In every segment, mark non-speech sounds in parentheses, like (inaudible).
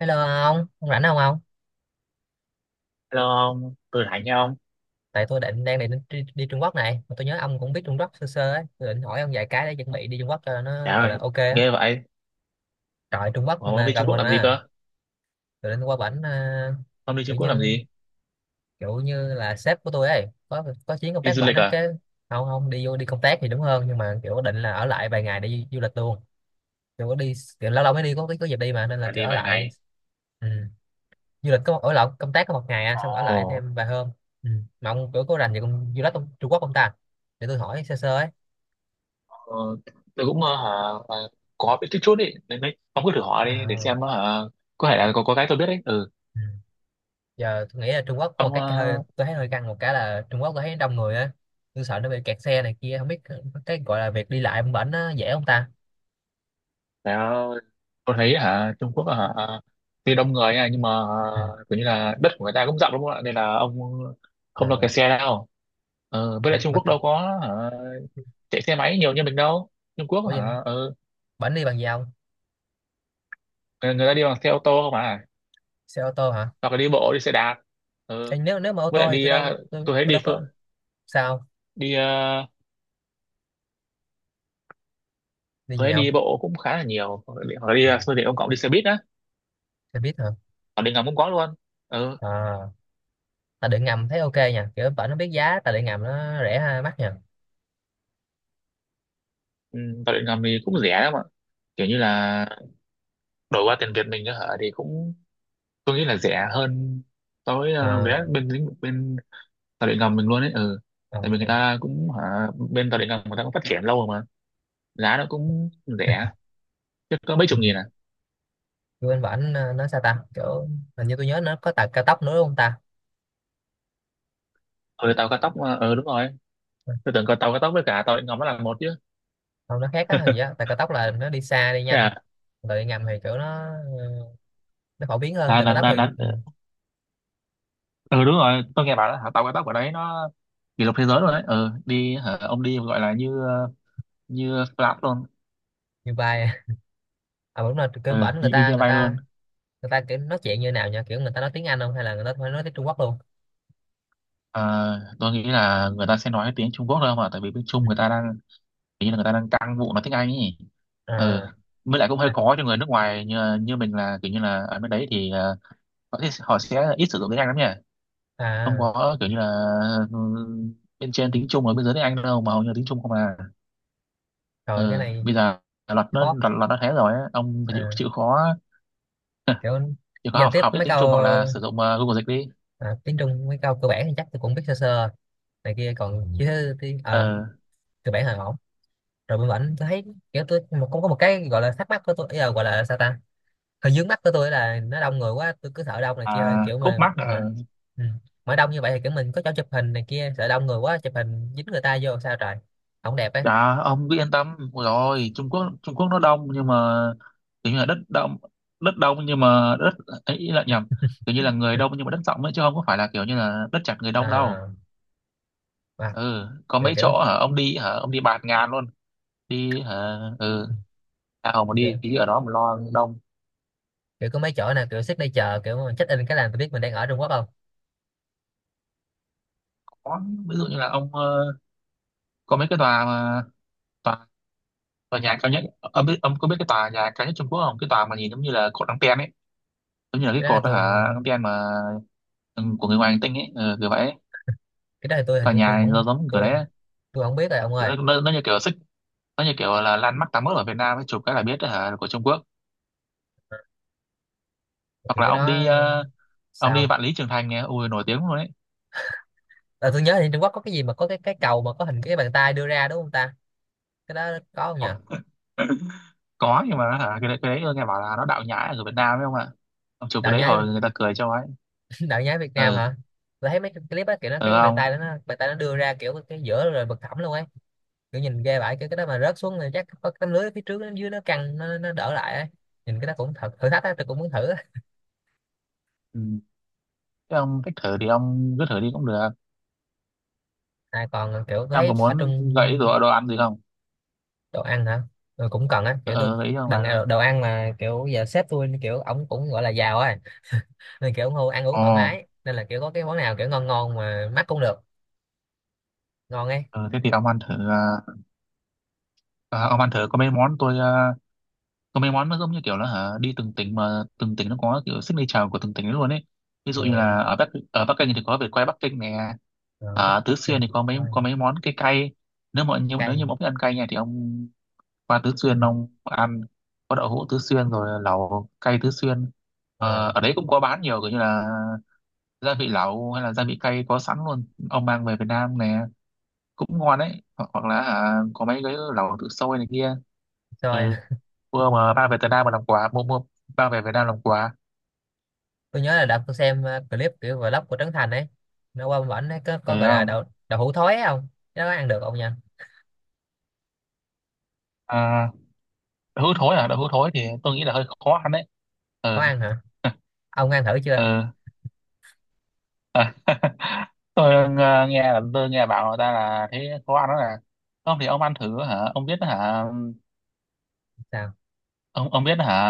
Hello ông rảnh không ông? Hello ông, tôi là Thành nha ông. Tại tôi đang định đi Trung Quốc này, mà tôi nhớ ông cũng biết Trung Quốc sơ sơ ấy, tôi định hỏi ông vài cái để chuẩn bị đi Trung Quốc cho nó Trời gọi là ơi, ok á. ghê vậy. Trời Trung Quốc Ủa, ông mà đi Trung gần Quốc mình làm gì mà, cơ? tôi định qua bển à, Ông đi kiểu Trung Quốc làm như gì? kiểu như là sếp của tôi ấy, có chuyến công Đi tác du bển lịch á, à? cái không không đi vô đi công tác thì đúng hơn, nhưng mà kiểu định là ở lại vài ngày để du lịch luôn. Kiểu có đi kiểu lâu lâu mới đi có dịp đi mà nên là À kiểu đi ở vài lại. ngày. Ừ. Du lịch có ở lại công tác có một ngày à, xong ở lại Ồ, thêm vài hôm ừ. Mà ông kiểu có rành về con du lịch ông, Trung Quốc không ta để tôi hỏi sơ sơ ấy ờ, tôi cũng hả, ờ, có biết chút chút ý. Nên đấy, ông cứ thử hỏi đi để à, xem hả, có thể là có cái tôi biết đấy. Ừ, ừ. Giờ tôi nghĩ là Trung Quốc có một ông, cái hơi tôi thấy hơi căng một cái là Trung Quốc tôi thấy đông người á, tôi sợ nó bị kẹt xe này kia không biết cái gọi là việc đi lại ông bển nó dễ không ta trời ơi, tôi thấy hả, Trung Quốc hả, tuy đông người nha, nhưng mà ừ. Kiểu như là đất của người ta cũng rộng đúng không ạ? Nên là ông không lo À, kẹt xe đâu. Ờ, với lại Trung mà Quốc đâu có hả, chạy xe máy nhiều như mình đâu. Trung Quốc ủa vậy hả, ừ, bển đi bằng gì không, người ta đi bằng xe ô tô không à, xe ô tô hả? hoặc là đi bộ đi xe đạp. Ê, Ừ. nếu nếu mà ô Với lại tô thì đi tôi đâu tôi, tôi thấy tôi đâu có sao, đi đi tôi gì thấy đi không? bộ cũng khá là nhiều, hoặc là đi Ừ, phương tiện công cộng đi xe buýt á, xe buýt hả? hoặc điện ngầm cũng có luôn. Ừ. À, tài điện ngầm thấy ok nha, kiểu bển nó biết giá tài điện ngầm nó rẻ ha, mắc nha. Ừ. Tàu điện ngầm thì cũng rẻ lắm ạ, kiểu như là đổi qua tiền Việt mình nữa hả thì cũng tôi nghĩ là rẻ hơn so với vé Ờ, bên lĩnh bên tàu điện ngầm mình luôn ấy. Ừ, ờ, tại vì người ta cũng hả bên tàu điện ngầm người ta cũng phát triển lâu rồi mà, giá nó cũng rẻ, chứ có mấy ừ. chục nghìn à. Bên bển nó sao ta, kiểu hình như tôi nhớ nó có tàu cao tốc nữa đúng không ta? Ừ, tàu cao tốc mà, ừ đúng rồi, Ừ, tôi tưởng có tàu cao tốc với cả tàu điện ngầm nó là một chứ. không nó khác á, hình gì á, tàu cao tốc là nó đi xa đi Thế nhanh. à. Còn tàu điện ngầm thì kiểu nó ờ, nó phổ biến hơn là, tàu là, cao tốc là, thì là, ừ đúng rồi, tôi nghe bảo là hả, tàu cao tốc của đấy nó kỷ lục thế giới rồi đấy. Ừ đi hả, ông đi gọi là như như flat luôn. như bay. À đúng rồi, kiểu Ừ, bển người đi ta như người bay luôn. ta người ta kiểu nói chuyện như nào nha, kiểu người ta nói tiếng Anh không hay là người ta phải nói tiếng Trung Quốc luôn? Ờ, tôi nghĩ là người ta sẽ nói tiếng Trung Quốc thôi mà, tại vì bên Trung Ừ. người ta đang, hình như là người ta đang căng vụ nói tiếng Anh ấy. Ừ, À với lại cũng hơi à khó cho người nước ngoài như mình, là kiểu như là ở bên đấy thì họ sẽ ít sử dụng tiếng Anh lắm nhỉ. Không à. có kiểu như là ừ, bên trên tiếng Trung ở bên dưới tiếng Anh đâu, mà hầu như là tiếng Trung không à. Rồi cái Ừ. này Bây giờ khó luật nó thế rồi á. Ông phải chịu à, chịu khó. (laughs) kiểu Chịu khó giao học tiếp học ít mấy tiếng Trung câu hoặc là sử dụng Google dịch đi. à, tiếng Trung mấy câu cơ bản thì chắc tôi cũng biết sơ sơ này kia, còn chứ tiếng Ờ. cơ bản là ổn. Rồi bên bển tôi thấy kiểu tôi một cũng có một cái gọi là thắc mắc của tôi, ý là gọi là sao ta, hơi vướng mắt của tôi là nó đông người quá, tôi cứ sợ đông này À, kia thôi kiểu khúc mà mắc là. mà ừ. Mà đông như vậy thì kiểu mình có chỗ chụp hình này kia, sợ đông người quá chụp hình dính người ta vô sao trời, không đẹp ấy. Dạ, ông cứ yên tâm. Ôi rồi, Trung Quốc nó đông nhưng mà kiểu như là đất đông, đất đông nhưng mà đất ấy, ý là nhầm, kiểu như là (laughs) người đông nhưng mà đất rộng ấy, chứ không có phải là kiểu như là đất chật người đông đâu. À, à, Ừ, có kiểu, mấy kiểu chỗ hả ông đi hả, ông đi bạt ngàn luôn, đi hả ừ. À, ông mà kiểu đi ở đó mà lo đông. kiểu có mấy chỗ nè kiểu xích đây chờ, kiểu mà check in cái là tôi biết mình đang ở Trung Quốc không. Có. Ví dụ như là ông có mấy cái tòa mà, tòa, tòa nhà cao nhất, ông có biết cái tòa nhà cao nhất Trung Quốc không, cái tòa mà nhìn giống như là cột anten ấy, giống như là cái cái đó thì cột đó tôi hả, anten mà, ừ, của người ngoài hành tinh ấy, ừ, kiểu vậy ấy. cái đó thì tôi hình Tòa như tôi nhà nó không giống kiểu tôi đấy ấy. tôi không biết rồi Ừ, ông kiểu ơi, nó như kiểu xích, nó như kiểu là landmark 81 ở Việt Nam ấy, chụp cái là biết đó hả là của Trung Quốc. Hoặc kiểu là cái ông đó đi ông đi sao, Vạn Lý Trường Thành nè, ui nổi tiếng luôn đấy. là tôi nhớ thì Trung Quốc có cái gì mà có cái cầu mà có hình cái bàn tay đưa ra đúng không ta, cái đó có không nhỉ? Ôi, có nhưng mà hả cái đấy nghe bảo là nó đạo nhái ở Việt Nam ấy không ạ. Ông chụp cái Đạo đấy nhái. hồi người ta cười cho ấy. (laughs) Đạo nhái Việt Nam Ừ. hả? Tôi thấy mấy cái clip á, kiểu nó Ừ cái bàn ông. tay đó nó, bàn tay nó đưa ra kiểu cái giữa rồi bật thẳm luôn ấy, kiểu nhìn ghê vãi, kiểu cái đó mà rớt xuống thì chắc có cái tấm lưới phía trước nó, dưới nó căng nó đỡ lại ấy. Nhìn cái đó cũng thật thử thách á, tôi cũng muốn thử á. Ừ. Thế ông thích thử thì ông cứ thử đi cũng được. À, còn kiểu tôi Em thấy có ở trong, muốn gãy đồ ăn gì không? đồ ăn hả? Ừ, cũng cần á, kiểu tôi Ờ, gãy không đừng, phải là. đồ ăn mà kiểu giờ sếp tôi kiểu ổng cũng gọi là giàu á, nên kiểu ông Hu ăn uống Ồ, thoải mái, nên là kiểu có cái món nào kiểu ngon ngon mà mắc cũng được, ngon ấy. ờ, thế thì ông ăn thử. Ông ăn thử có mấy món tôi. À, có mấy món nó giống như kiểu là hả, đi từng tỉnh mà từng tỉnh nó có kiểu signature của từng tỉnh ấy luôn ấy. Ví dụ Ờ, như là ở Bắc Kinh thì có vịt quay Bắc Kinh nè. ờ, Ở Tứ mắc kinh, Xuyên thì có mắc mấy coi. có mấy món cái cay. Nếu Cay. như mà ông thích ăn cay nha thì ông qua Tứ Xuyên ông ăn có đậu hũ Tứ Xuyên rồi lẩu cay Tứ Xuyên. Ờ, Ờ, ở đấy cũng có bán nhiều kiểu như là gia vị lẩu hay là gia vị cay có sẵn luôn, ông mang về Việt Nam nè, cũng ngon đấy, hoặc là hả, có mấy cái lẩu tự sôi này kia. rồi Ừ, mua mà mang về Việt Nam mà làm quà, mua mua mang về Việt Nam làm quà. tôi nhớ là đợt tôi xem clip kiểu vlog của Trấn Thành ấy, nó qua bển ấy có, Ừ có gọi là không. đậu đậu hũ thối ấy không, cái đó có ăn được không nha? À, đậu hũ thối thì tôi nghĩ là hơi khó ăn đấy. Có Ừ. ăn hả? (laughs) Ông ăn thử Ừ. chưa? À, (laughs) tôi nghe là tôi nghe bảo người ta là thấy khó ăn đó nè. Không thì ông ăn thử hả, ông biết hả? Sao, Ông biết hả?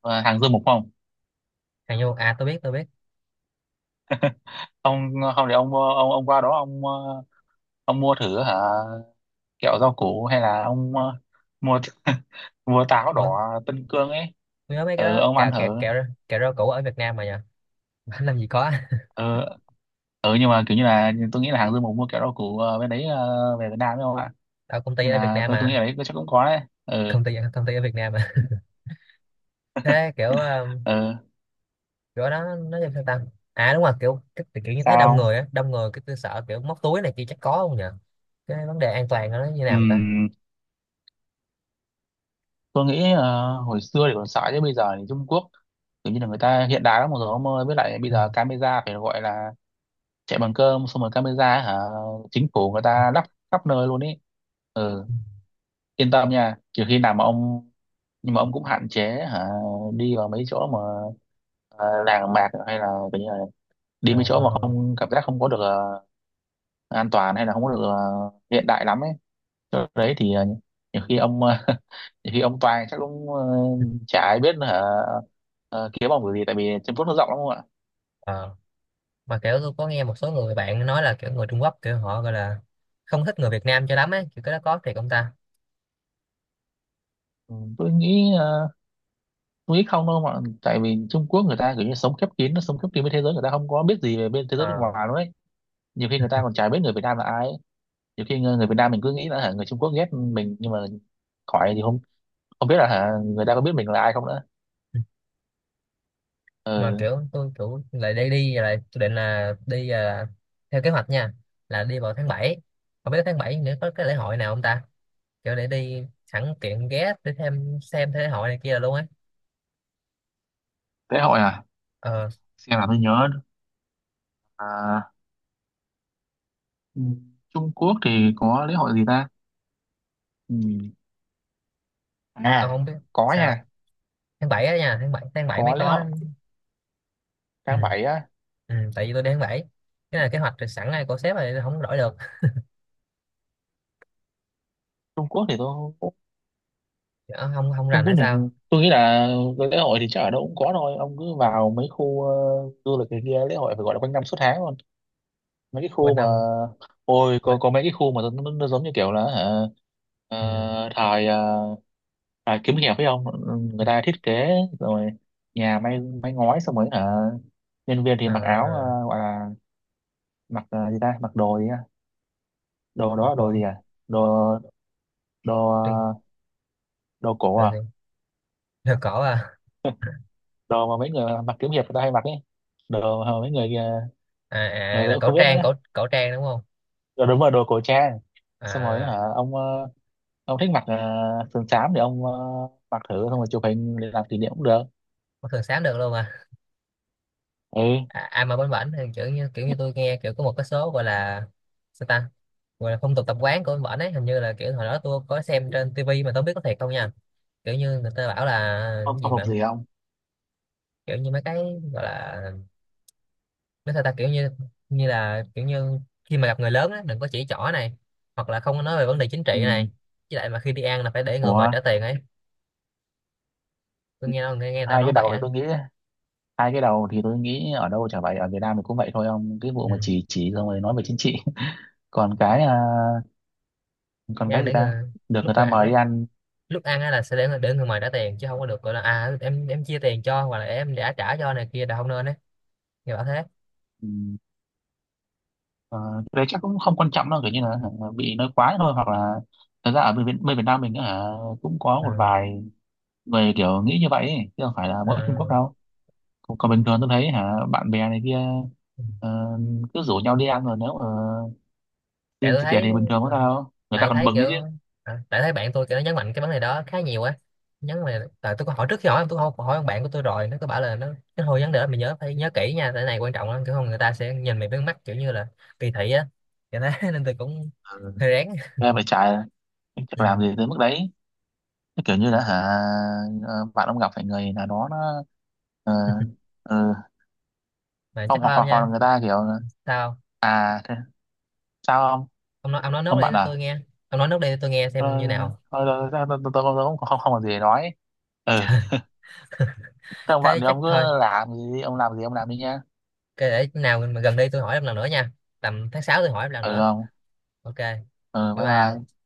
Ờ, hàng dưa mục không? hàng vô à, tôi biết tôi biết. Ông không để ông qua đó ông, ông mua thử hả, kẹo rau củ hay là ông mua (laughs) mua táo đỏ Ủa Tân Cương ấy. tôi nhớ mấy cái Ừ, đó ông cà ăn kẹo thử. Kẹo rau củ ở Việt Nam mà nhờ. (laughs) Làm gì có, Ừ, ừ nhưng mà kiểu như là tôi nghĩ là hàng Dương Mục mua kẹo rau củ bên đấy về Việt Nam đấy không ạ. ở công ty Nên ở Việt là Nam tôi nghĩ ở mà, đấy chắc cũng có đấy. Ừ. công ty ở Việt Nam mà. Thế kiểu (laughs) Ừ. kiểu đó nó như sao ta? À đúng rồi, kiểu kiểu như thấy đông Sao? người á, đông người cái tôi sợ kiểu móc túi này kia chắc có không nhờ, cái vấn đề an toàn nó như nào ta? Ừm, tôi nghĩ hồi xưa thì còn sợ chứ bây giờ thì Trung Quốc kiểu như là người ta hiện đại lắm rồi ông ơi, với lại bây Ừ. giờ camera phải gọi là chạy bằng cơm, xong rồi camera hả, chính phủ người ta lắp khắp nơi luôn ý. Ừ. Ừ. Yên tâm nha, kiểu khi nào mà ông, nhưng mà ông cũng hạn chế hả đi vào mấy chỗ mà làng mạc hay là kiểu như là đi Ờ, mấy chỗ mà không cảm giác không có được an toàn hay là không có được hiện đại lắm ấy. Chỗ đấy thì nhiều khi ông (laughs) nhiều khi ông toàn chắc cũng chả ai biết là hả, kiếm ông cái gì tại vì Trung Quốc nó rộng lắm không ạ. ờ. Mà kiểu tôi có nghe một số người bạn nói là kiểu người Trung Quốc kiểu họ gọi là không thích người Việt Nam cho lắm ấy, kiểu cái đó có thiệt không ta? Ừ, tôi nghĩ không đâu mà, tại vì Trung Quốc người ta kiểu như sống khép kín, nó sống khép kín với thế giới, người ta không có biết gì về bên thế giới bên Ờ. ngoài luôn ấy. Nhiều khi người ta còn chả biết người Việt Nam là ai ấy. Nhiều khi người Việt Nam mình cứ nghĩ là hả, người Trung Quốc ghét mình nhưng mà khỏi thì không, không biết là hả, người ta có biết mình là ai không nữa. Ừ. Mà Ừ. kiểu tôi kiểu lại đi đi rồi lại tôi định là đi à, theo kế hoạch nha là đi vào tháng bảy, không biết tháng 7 nữa có cái lễ hội nào không ta, kiểu để đi sẵn tiện ghé để thêm xem thế lễ hội này kia là luôn ấy. Lễ hội à? Ờ, Xem là tôi nhớ à, ừ, Trung Quốc thì có lễ hội gì ta. Ừ. ông À không biết có sao? nha, Tháng 7 á nha, tháng bảy có mới lễ có hội ừ. tháng 7 á. Ừ, tại vì tôi đi tháng 7 cái là kế hoạch rồi sẵn này của sếp rồi không đổi được. Trung Quốc thì tôi Ờ, không không Trung rành Quốc hay thì sao, tôi nghĩ là lễ hội thì chắc ở đâu cũng có thôi, ông cứ vào mấy khu du lịch này kia, lễ hội phải gọi là quanh năm suốt tháng luôn. Mấy cái khu quên mà năm, ôi có, quên có mấy cái khu mà nó giống như kiểu là hả, ừ. ờ, thời ờ, thời kiếm hiệp phải không, người ta thiết kế, rồi nhà may may ngói xong rồi hả, nhân viên thì mặc áo À, gọi là, mặc gì ta, mặc đồ gì á, đồ đó một là đồ gì đoạn à, đồ đồ tiên ờ, đồ cổ rồi gì, à. rồi cổ à. (laughs) (laughs) Đồ mà mấy người mặc kiếm hiệp người ta hay mặc ấy, đồ mà mấy người À, ờ à tôi là cũng cổ không biết trang, nữa, cổ cổ trang đúng không rồi đúng rồi đồ cổ trang. Xong rồi à? hả ông ông thích mặc sườn xám thì ông mặc thử xong rồi chụp hình để làm kỷ niệm cũng được. Có thường sám được luôn à? Ừ À, ai mà bánh bảnh thì kiểu như tôi nghe kiểu có một cái số gọi là sao ta, gọi là phong tục tập quán của bánh bảnh ấy, hình như là kiểu hồi đó tôi có xem trên tivi mà tôi không biết có thiệt không nha, kiểu như người ta bảo là không, cái không gì phục mà gì không. kiểu như mấy cái gọi là nói sao ta, kiểu như, như là kiểu như khi mà gặp người lớn á đừng có chỉ trỏ này, hoặc là không có nói về vấn đề chính trị Ừ. này, với lại mà khi đi ăn là phải để người Ủa. mệt trả tiền ấy, tôi nghe nghe người ta hai nói cái vậy đầu thì á tôi nghĩ Hai cái đầu thì tôi nghĩ ở đâu chả vậy, ở Việt Nam thì cũng vậy thôi ông, cái vụ ừ. mà chỉ xong rồi nói về chính trị. (laughs) còn cái à, còn Đi ăn cái gì để ta, người, được lúc người ta mà mời đi lúc ăn. lúc ăn á là sẽ để người mời trả tiền, chứ không có được gọi là à, em chia tiền cho, hoặc là em đã trả cho này kia là không nên đấy, người bảo thế. Ừ, ờ, cái đấy chắc cũng không quan trọng đâu, kiểu như là hả bị nói quá thôi, hoặc là thật ra ở bên Việt Nam mình á hả, cũng có Ừ. một vài người kiểu nghĩ như vậy ấy, chứ không phải là mỗi Trung Quốc Ừ. đâu. Còn còn bình thường tôi thấy hả, bạn bè này kia ờ, cứ rủ nhau đi ăn rồi nếu mà Tại xin tôi trả tiền thấy thì bình thường có ừ. sao đâu, người Tại ta tôi còn thấy mừng đấy kiểu chứ. à, tại thấy bạn tôi kiểu nó nhấn mạnh cái vấn đề đó khá nhiều á, nhấn mà tại tôi có hỏi, trước khi hỏi tôi không hỏi ông, bạn của tôi rồi nó có bảo là nó, cái hồi vấn đề đó mày nhớ phải nhớ kỹ nha, tại cái này quan trọng lắm, kiểu không người ta sẽ nhìn mày với mắt kiểu như là kỳ thị á, kiểu thế. (laughs) Nên tôi cũng Ờ, hơi rén ra phải trả, chắc ừ. làm gì tới mức đấy. Cái kiểu như là hả bạn ông gặp phải người nào đó nó ờ, ờ, Mà không, chắc hoặc thôi ông hoặc hoặc là nha. người ta kiểu là, Sao, à thế, sao không, ông nói nốt không bạn đây à, tôi nghe, ông nói nốt đây tôi nghe xem thôi như nào. thôi thôi thôi, tôi cũng không không không có gì để nói. Ừ. (laughs) Trời, Thế ông bạn thế thì chắc ông cứ thôi. làm gì đi, ông làm đi nha. Cái để nào mà gần đi tôi hỏi em lần nữa nha. Tầm tháng 6 tôi hỏi em lần Ừ nữa. không. Ok. Ờ, Bye bye bye. bye